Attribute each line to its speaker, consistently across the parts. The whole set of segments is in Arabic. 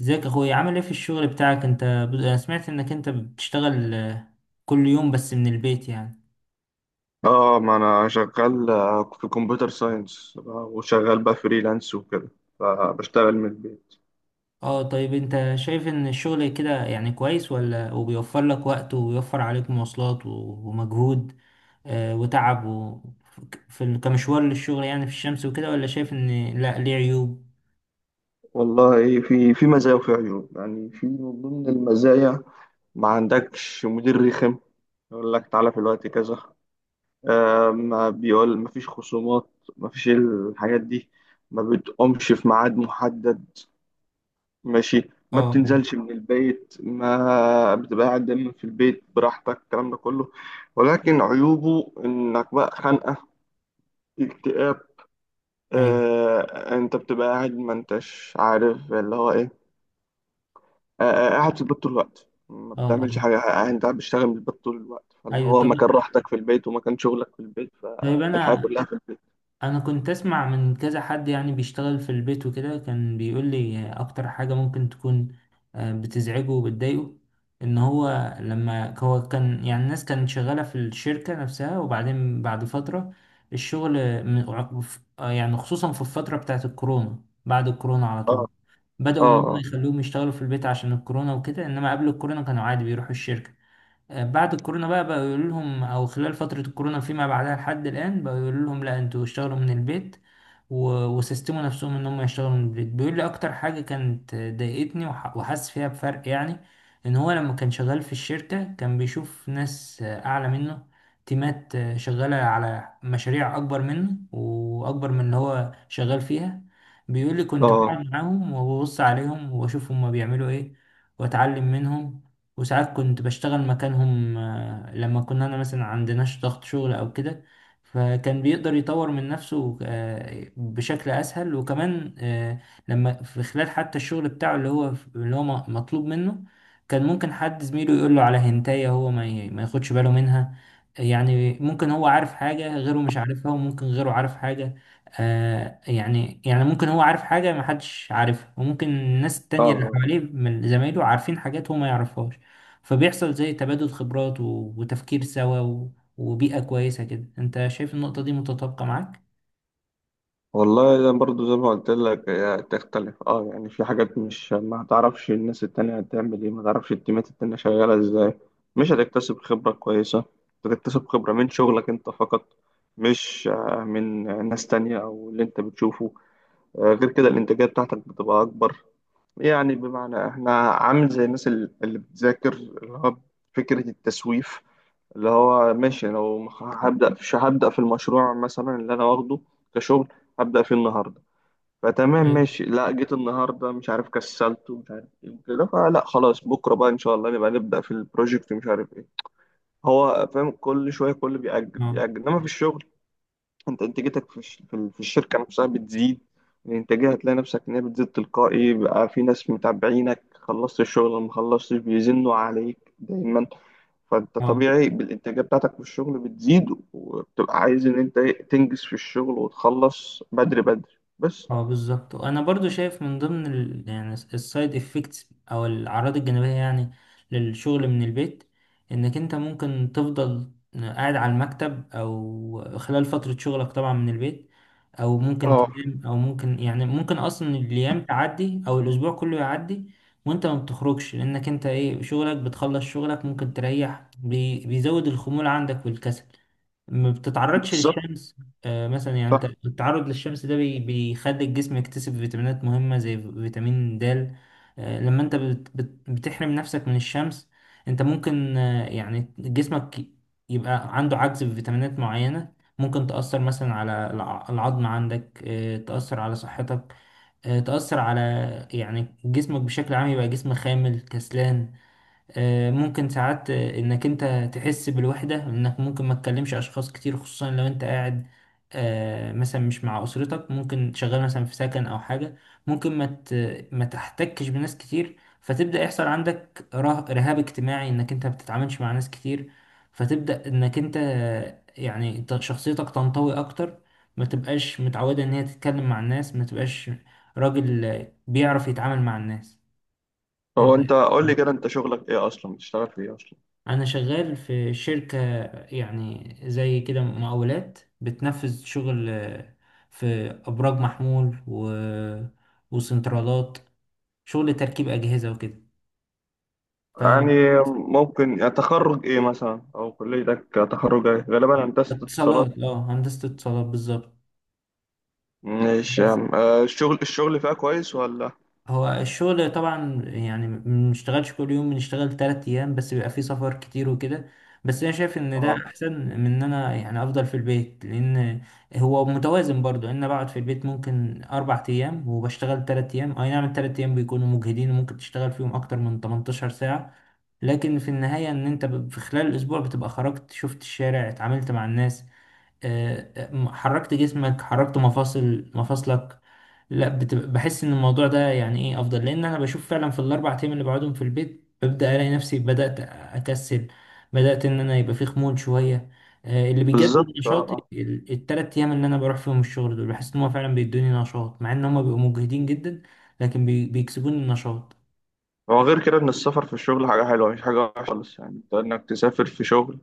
Speaker 1: ازيك يا اخويا، عامل ايه في الشغل بتاعك انت؟ انا سمعت انك بتشتغل، كل يوم بس من البيت يعني.
Speaker 2: اه، ما انا شغال في كمبيوتر ساينس وشغال بقى فريلانس وكده، فبشتغل من البيت.
Speaker 1: اه، طيب انت شايف ان الشغل كده يعني كويس، ولا وبيوفر لك وقت وبيوفر عليك مواصلات و- ومجهود وتعب في كمشوار للشغل، يعني في الشمس وكده، ولا شايف ان لا، ليه عيوب؟
Speaker 2: والله في مزايا وفي عيوب. يعني في من ضمن المزايا ما عندكش مدير رخم يقول لك تعالى في الوقت كذا. آه، ما بيقول، ما فيش خصومات، ما فيش الحاجات دي، ما بتقومش في ميعاد محدد، ماشي، ما
Speaker 1: اه، اه،
Speaker 2: بتنزلش من البيت، ما بتبقى قاعد دايما في البيت براحتك، الكلام ده كله. ولكن عيوبه انك بقى خانقة، اكتئاب.
Speaker 1: ايوه،
Speaker 2: آه، انت بتبقى قاعد ما انتش عارف اللي هو ايه. قاعد في البيت طول الوقت ما
Speaker 1: اه،
Speaker 2: بتعملش
Speaker 1: اه،
Speaker 2: حاجة. انت قاعد بتشتغل من البيت طول الوقت، فاللي
Speaker 1: ايوه.
Speaker 2: هو
Speaker 1: طب
Speaker 2: مكان راحتك في البيت ومكان شغلك في البيت.
Speaker 1: طيب
Speaker 2: فالحياة
Speaker 1: انا
Speaker 2: كلها في البيت.
Speaker 1: انا كنت اسمع من كذا حد يعني بيشتغل في البيت وكده، كان بيقول لي اكتر حاجة ممكن تكون بتزعجه وبتضايقه، ان هو لما هو كان، يعني الناس كانت شغالة في الشركة نفسها، وبعدين بعد فترة الشغل يعني خصوصا في الفترة بتاعت الكورونا، بعد الكورونا على
Speaker 2: اه،
Speaker 1: طول بدأوا ان
Speaker 2: اه،
Speaker 1: هم
Speaker 2: اه،
Speaker 1: يخلوهم يشتغلوا في البيت عشان الكورونا وكده، انما قبل الكورونا كانوا عادي بيروحوا الشركة. بعد الكورونا بقى بقوا يقولوا لهم، او خلال فترة الكورونا فيما بعدها لحد الآن بقوا يقولوا لهم لا انتوا اشتغلوا من البيت و- وسيستموا نفسهم ان هم يشتغلوا من البيت. بيقول لي اكتر حاجة كانت ضايقتني وح- وحاسس فيها بفرق، يعني ان هو لما كان شغال في الشركة كان بيشوف ناس اعلى منه، تيمات شغالة على مشاريع اكبر منه واكبر من اللي هو شغال فيها. بيقول لي كنت
Speaker 2: اه،
Speaker 1: بقعد معاهم وببص عليهم واشوف هما بيعملوا ايه، واتعلم منهم. وساعات كنت بشتغل مكانهم لما كنا أنا مثلا عندناش ضغط شغل أو كده، فكان بيقدر يطور من نفسه بشكل أسهل، وكمان لما في خلال حتى الشغل بتاعه اللي هو مطلوب منه، كان ممكن حد زميله يقول له على هنتاية هو ما ياخدش باله منها. يعني ممكن هو عارف حاجة غيره مش عارفها، وممكن غيره عارف حاجة. يعني ممكن هو عارف حاجة محدش عارفها، وممكن الناس
Speaker 2: اه،
Speaker 1: التانية اللي
Speaker 2: آه.
Speaker 1: حواليه من زمايله عارفين حاجات هو ما يعرفهاش. فبيحصل زي تبادل خبرات و- وتفكير سوا و- وبيئة كويسة كده. انت شايف النقطة دي متطابقة معاك؟
Speaker 2: والله انا برضو زي ما قلت لك هي تختلف. اه، يعني في حاجات، مش ما تعرفش الناس التانية هتعمل ايه، ما تعرفش التيمات التانية شغالة ازاي، مش هتكتسب خبرة كويسة. هتكتسب خبرة من شغلك انت فقط، مش من ناس تانية او اللي انت بتشوفه. غير كده الانتاجية بتاعتك بتبقى اكبر. يعني بمعنى احنا عامل زي الناس اللي بتذاكر، اللي هو فكرة التسويف. اللي هو ماشي، لو هبدأ في المشروع مثلا اللي انا واخده كشغل، هبدأ فيه النهاردة. فتمام
Speaker 1: طيب.
Speaker 2: ماشي. لا، جيت النهارده مش عارف، كسلت ومش عارف ايه وكده، فلا خلاص، بكره بقى ان شاء الله نبقى نبدا في البروجكت ومش عارف ايه. هو فاهم، كل شويه بيأجل
Speaker 1: اه،
Speaker 2: بيأجل، انما في الشغل انت انتاجيتك في في الشركه نفسها بتزيد. الانتاجيه هتلاقي نفسك ان هي بتزيد تلقائي، بقى في ناس متابعينك خلصت الشغل ولا ما خلصتش، بيزنوا عليك دايما، فانت
Speaker 1: اه،
Speaker 2: طبيعي بالانتاجيه بتاعتك في الشغل بتزيد. وبتبقى عايز ان انت تنجز في الشغل وتخلص بدري بس.
Speaker 1: اه، بالظبط. وانا برضو شايف من ضمن يعني السايد افكتس، او الاعراض الجانبيه يعني، للشغل من البيت، انك انت ممكن تفضل قاعد على المكتب او خلال فتره شغلك طبعا من البيت، او ممكن
Speaker 2: اه،
Speaker 1: تنام، او ممكن يعني ممكن اصلا الايام تعدي او الاسبوع كله يعدي وانت ما بتخرجش، لانك انت ايه، شغلك بتخلص شغلك ممكن تريح، بيزود الخمول عندك والكسل، ما بتتعرضش
Speaker 2: بالظبط.
Speaker 1: للشمس. مثلا يعني انت التعرض للشمس ده بيخلي الجسم يكتسب فيتامينات مهمة زي فيتامين د. لما انت بت بت بتحرم نفسك من الشمس، انت ممكن، يعني جسمك يبقى عنده عجز في فيتامينات معينة، ممكن تأثر مثلا على العظم عندك، تأثر على صحتك، تأثر على، يعني جسمك بشكل عام يبقى جسم خامل كسلان. ممكن ساعات انك انت تحس بالوحدة، انك ممكن ما تكلمش اشخاص كتير، خصوصا لو انت قاعد مثلا مش مع اسرتك، ممكن شغال مثلا في سكن او حاجة، ممكن ما تحتكش بناس كتير، فتبدأ يحصل عندك رهاب اجتماعي، انك انت ما بتتعاملش مع ناس كتير، فتبدأ انك انت شخصيتك تنطوي اكتر، ما تبقاش متعودة ان هي تتكلم مع الناس، ما تبقاش راجل بيعرف يتعامل مع الناس.
Speaker 2: هو
Speaker 1: انت
Speaker 2: انت قول لي كده، انت شغلك ايه اصلا؟ بتشتغل في ايه اصلا؟
Speaker 1: انا شغال في شركة، يعني زي كده مقاولات بتنفذ شغل في ابراج محمول و... وسنترالات، شغل تركيب اجهزة وكده.
Speaker 2: يعني ممكن، يعني تخرج ايه مثلا؟ او كليتك تخرج ايه؟ غالبا هندسة اتصالات.
Speaker 1: فاتصالات اه هندسة اتصالات بالظبط.
Speaker 2: مش
Speaker 1: بس
Speaker 2: الشغل فيها كويس ولا؟
Speaker 1: هو الشغل طبعا يعني ما بنشتغلش كل يوم، بنشتغل 3 أيام بس، بيبقى فيه سفر كتير وكده. بس أنا شايف إن ده
Speaker 2: اه،
Speaker 1: أحسن من إن أنا يعني أفضل في البيت، لأن هو متوازن برضو، إن أنا بقعد في البيت ممكن 4 أيام وبشتغل 3 أيام. أي نعم، ال3 أيام بيكونوا مجهدين وممكن تشتغل فيهم أكتر من 18 ساعة، لكن في النهاية إن أنت في خلال الأسبوع بتبقى خرجت، شفت الشارع، اتعاملت مع الناس، حركت جسمك، حركت مفاصلك. لا، بتبقى بحس ان الموضوع ده يعني ايه افضل، لان انا بشوف فعلا في ال4 ايام اللي بقعدهم في البيت ببدا الاقي نفسي بدات اكسل، بدات ان انا يبقى في خمول شويه. اللي بيجدد
Speaker 2: بالظبط. اه،
Speaker 1: نشاطي
Speaker 2: آه.
Speaker 1: ال3 ايام اللي انا بروح فيهم الشغل دول، بحس ان هم فعلا بيدوني نشاط، مع ان هم بيبقوا مجهدين جدا، لكن بيكسبوني النشاط.
Speaker 2: هو غير كده ان السفر في الشغل حاجة حلوة، مش حاجة وحشة خالص. يعني انت، انك تسافر في شغل،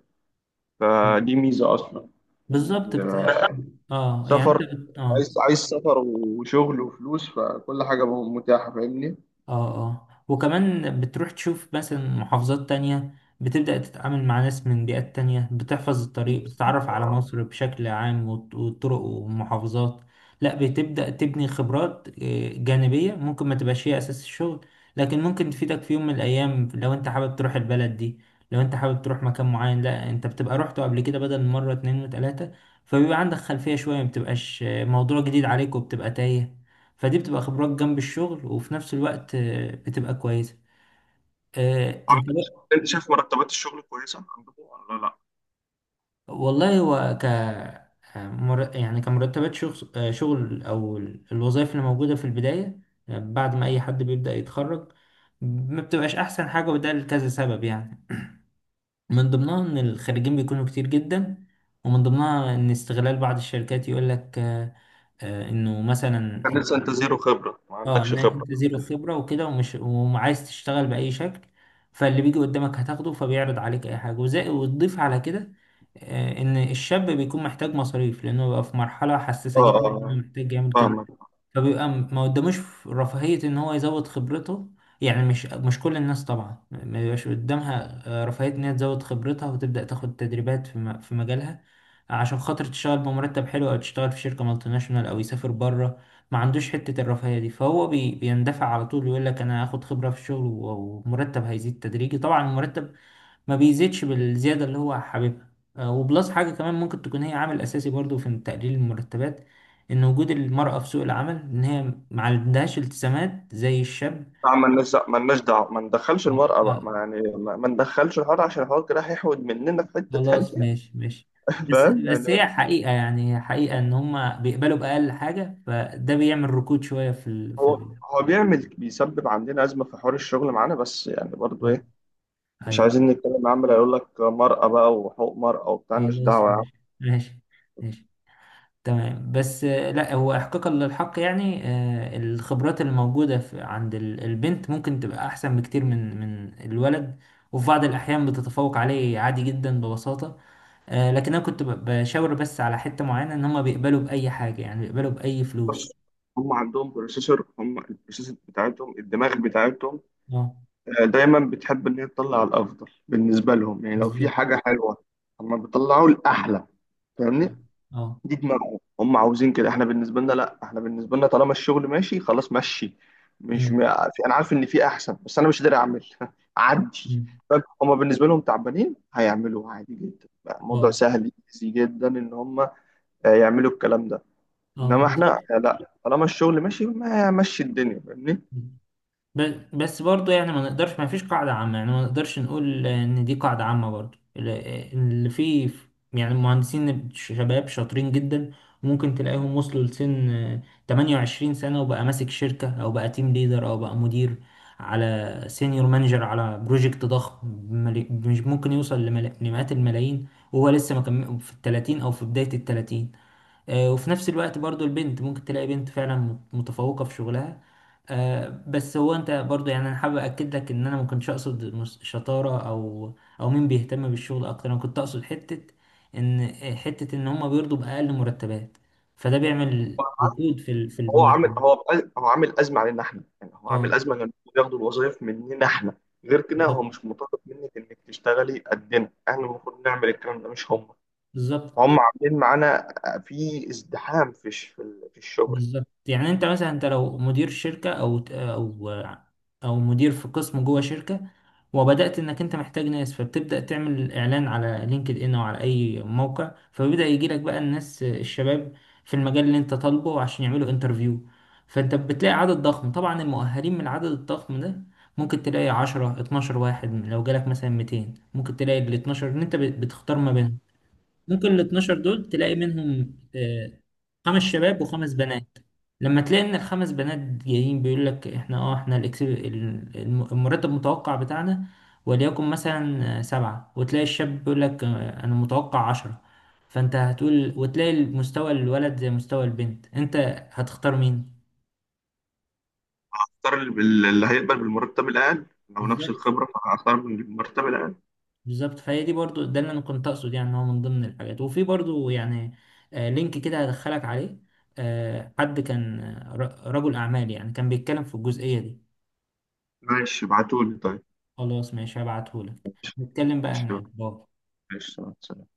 Speaker 2: فدي ميزة اصلا. يعني
Speaker 1: بالظبط بت... اه يعني انت
Speaker 2: سفر،
Speaker 1: بت... اه
Speaker 2: عايز سفر وشغل وفلوس، فكل حاجة متاحة، فاهمني.
Speaker 1: اه اه وكمان بتروح تشوف مثلا محافظات تانية، بتبدأ تتعامل مع ناس من بيئات تانية، بتحفظ الطريق، بتتعرف
Speaker 2: بالظبط.
Speaker 1: على
Speaker 2: آه.
Speaker 1: مصر بشكل عام والط- والطرق والمحافظات. لا بتبدأ تبني خبرات جانبية، ممكن ما تبقاش هي أساس الشغل لكن ممكن تفيدك في يوم من الأيام، لو أنت حابب تروح البلد دي، لو أنت حابب تروح مكان معين، لا أنت بتبقى روحته قبل كده بدل مرة اتنين وتلاتة، فبيبقى عندك خلفية شوية، ما بتبقاش موضوع جديد عليك، وبتبقى تايه. فدي بتبقى خبرات جنب الشغل، وفي نفس الوقت بتبقى كويسة. انت
Speaker 2: عملت،
Speaker 1: بقى.
Speaker 2: انت شايف مرتبات الشغل كويسه عندكم ولا لا؟
Speaker 1: والله هو، يعني كمرتبات شغل، او الوظائف اللي موجودة في البداية، بعد ما اي حد بيبدأ يتخرج ما بتبقاش احسن حاجة، وده لكذا سبب يعني، من ضمنها ان الخريجين بيكونوا كتير جدا، ومن ضمنها ان استغلال بعض الشركات، يقول لك انه مثلا،
Speaker 2: كان لسه انت زيرو خبره، ما
Speaker 1: اه
Speaker 2: عندكش
Speaker 1: انك
Speaker 2: خبره.
Speaker 1: انت زيرو خبرة وكده، ومش، وعايز تشتغل بأي شكل، فاللي بيجي قدامك هتاخده، فبيعرض عليك اي حاجة، وزي وتضيف على كده. ان الشاب بيكون محتاج مصاريف لانه بقى في مرحلة حساسة
Speaker 2: اه،
Speaker 1: جدا،
Speaker 2: اه،
Speaker 1: إنه محتاج يعمل كده.
Speaker 2: فاهمك.
Speaker 1: فبيبقى ما قداموش رفاهية ان هو يزود خبرته. يعني مش، مش كل الناس طبعا ما بيبقاش قدامها رفاهية ان هي تزود خبرتها وتبدأ تاخد تدريبات في مجالها، عشان خاطر تشتغل بمرتب حلو، او تشتغل في شركة مالتي ناشونال، او يسافر بره. ما عندوش حتة الرفاهية دي، فهو بيندفع على طول يقول لك انا هاخد خبرة في الشغل و- ومرتب هيزيد تدريجي، طبعا المرتب ما بيزيدش بالزيادة اللي هو حاببها. وبلس حاجة كمان ممكن تكون هي عامل أساسي برضو في تقليل المرتبات، إن وجود المرأة في سوق العمل، إن هي ما عندهاش التزامات زي الشاب.
Speaker 2: لا، مالناش دعوه، مالناش دعوه، ما ندخلش
Speaker 1: آه،
Speaker 2: المرأة
Speaker 1: آه،
Speaker 2: بقى. ما يعني، ما ندخلش الحوار، عشان الحوار كده هيحود مننا في حتة
Speaker 1: خلاص
Speaker 2: تانية.
Speaker 1: ماشي ماشي. بس
Speaker 2: فاهم
Speaker 1: بس هي
Speaker 2: يعني.
Speaker 1: حقيقة، يعني هي حقيقة إن هما بيقبلوا بأقل حاجة، فده بيعمل ركود شوية
Speaker 2: هو هو بيعمل، بيسبب عندنا أزمة في حوار الشغل معانا، بس يعني برضو إيه، مش
Speaker 1: أيوه،
Speaker 2: عايزين نتكلم. عمال يقول لك مرأة بقى وحقوق مرأة وبتاع، مالناش
Speaker 1: خلاص
Speaker 2: دعوة يعني.
Speaker 1: ماشي ماشي ماشي، تمام. بس لا، هو احقاقا للحق يعني، الخبرات اللي موجودة البنت ممكن تبقى احسن بكتير من الولد، وفي بعض الاحيان بتتفوق عليه عادي جدا ببساطة. لكن انا كنت بشاور بس على حتة معينة، ان هما بيقبلوا بأي حاجة، يعني بيقبلوا بأي
Speaker 2: بص،
Speaker 1: فلوس.
Speaker 2: هم عندهم بروسيسور، هم البروسيسور بتاعتهم، الدماغ بتاعتهم
Speaker 1: اه،
Speaker 2: دايما بتحب ان هي تطلع الافضل بالنسبه لهم. يعني لو في
Speaker 1: بالظبط،
Speaker 2: حاجه حلوه هم بيطلعوا الاحلى، فاهمني.
Speaker 1: اه، اه،
Speaker 2: دي دماغهم، هم عاوزين كده. احنا بالنسبه لنا لا، احنا بالنسبه لنا طالما الشغل ماشي خلاص مشي. مش م...
Speaker 1: امم
Speaker 2: في... انا عارف ان في احسن، بس انا مش قادر اعمل. عدي.
Speaker 1: أمم.
Speaker 2: فاهم؟ هم بالنسبه لهم تعبانين، هيعملوا عادي جدا بقى، الموضوع
Speaker 1: اه،
Speaker 2: سهل ايزي جدا ان هم يعملوا الكلام ده.
Speaker 1: اه،
Speaker 2: انما احنا
Speaker 1: بالظبط.
Speaker 2: لا، طالما الشغل ماشي ما مشي الدنيا، فاهمني.
Speaker 1: بس برضه يعني ما نقدرش، ما فيش قاعدة عامة يعني، ما نقدرش نقول إن دي قاعدة عامة برضه اللي فيه، يعني المهندسين شباب شاطرين جدا، وممكن تلاقيهم وصلوا لسن 28 سنة، وبقى ماسك شركة أو بقى تيم ليدر أو بقى مدير، على سينيور مانجر على بروجكت ضخم مش ممكن يوصل لمئات الملايين، وهو لسه ما كم في ال 30 أو في بداية ال 30. وفي نفس الوقت برضو البنت ممكن تلاقي بنت فعلا متفوقة في شغلها. بس هو انت برضو يعني، انا حابب اكد لك ان انا ما كنتش اقصد شطارة، او مين بيهتم بالشغل اكتر. انا كنت اقصد حتة، ان هم بيرضوا باقل مرتبات، فده بيعمل ركود في
Speaker 2: هو عامل
Speaker 1: المرتب.
Speaker 2: هو هو عامل ازمه علينا احنا. يعني هو
Speaker 1: اه،
Speaker 2: عامل ازمه ان بياخدوا الوظائف مننا احنا. غير كده هو
Speaker 1: بالظبط،
Speaker 2: مش مطالب منك انك تشتغلي قدنا، احنا المفروض نعمل الكلام ده مش هم. هم
Speaker 1: بالظبط،
Speaker 2: عاملين معانا في ازدحام في في الشغل.
Speaker 1: بالظبط. يعني انت مثلا، انت لو مدير شركة، او مدير في قسم جوه شركة، وبدأت انك انت محتاج ناس، فبتبدأ تعمل اعلان على لينكد ان او على اي موقع، فبيبدأ يجيلك بقى الناس الشباب في المجال اللي انت طالبه عشان يعملوا انترفيو. فانت بتلاقي عدد ضخم، طبعا المؤهلين من العدد الضخم ده ممكن تلاقي 10 12 واحد، لو جالك مثلا 200. ممكن تلاقي ال 12 ان انت بتختار ما بينهم، ممكن ال 12 دول تلاقي منهم خمس شباب وخمس بنات. لما تلاقي ان الخمس بنات جايين بيقول لك احنا المرتب المتوقع بتاعنا وليكن مثلا سبعة، وتلاقي الشاب بيقول لك انا متوقع 10، فانت هتقول، وتلاقي مستوى الولد زي مستوى البنت، انت هتختار مين؟
Speaker 2: اختار اللي هيقبل بالمرتب الاقل. لو نفس
Speaker 1: بالظبط،
Speaker 2: الخبره، فهختار بالمرتب الاقل.
Speaker 1: بالظبط. فهي دي برضو، ده اللي انا كنت اقصد، يعني إن هو من ضمن الحاجات، وفي برضو يعني لينك كده هدخلك عليه، حد كان رجل اعمال يعني، كان بيتكلم في الجزئية دي.
Speaker 2: ماشي، ابعتولي طيب.
Speaker 1: خلاص، ماشي هبعتهولك.
Speaker 2: ماشي،
Speaker 1: نتكلم بقى هناك. باي.
Speaker 2: ماشي. سلام.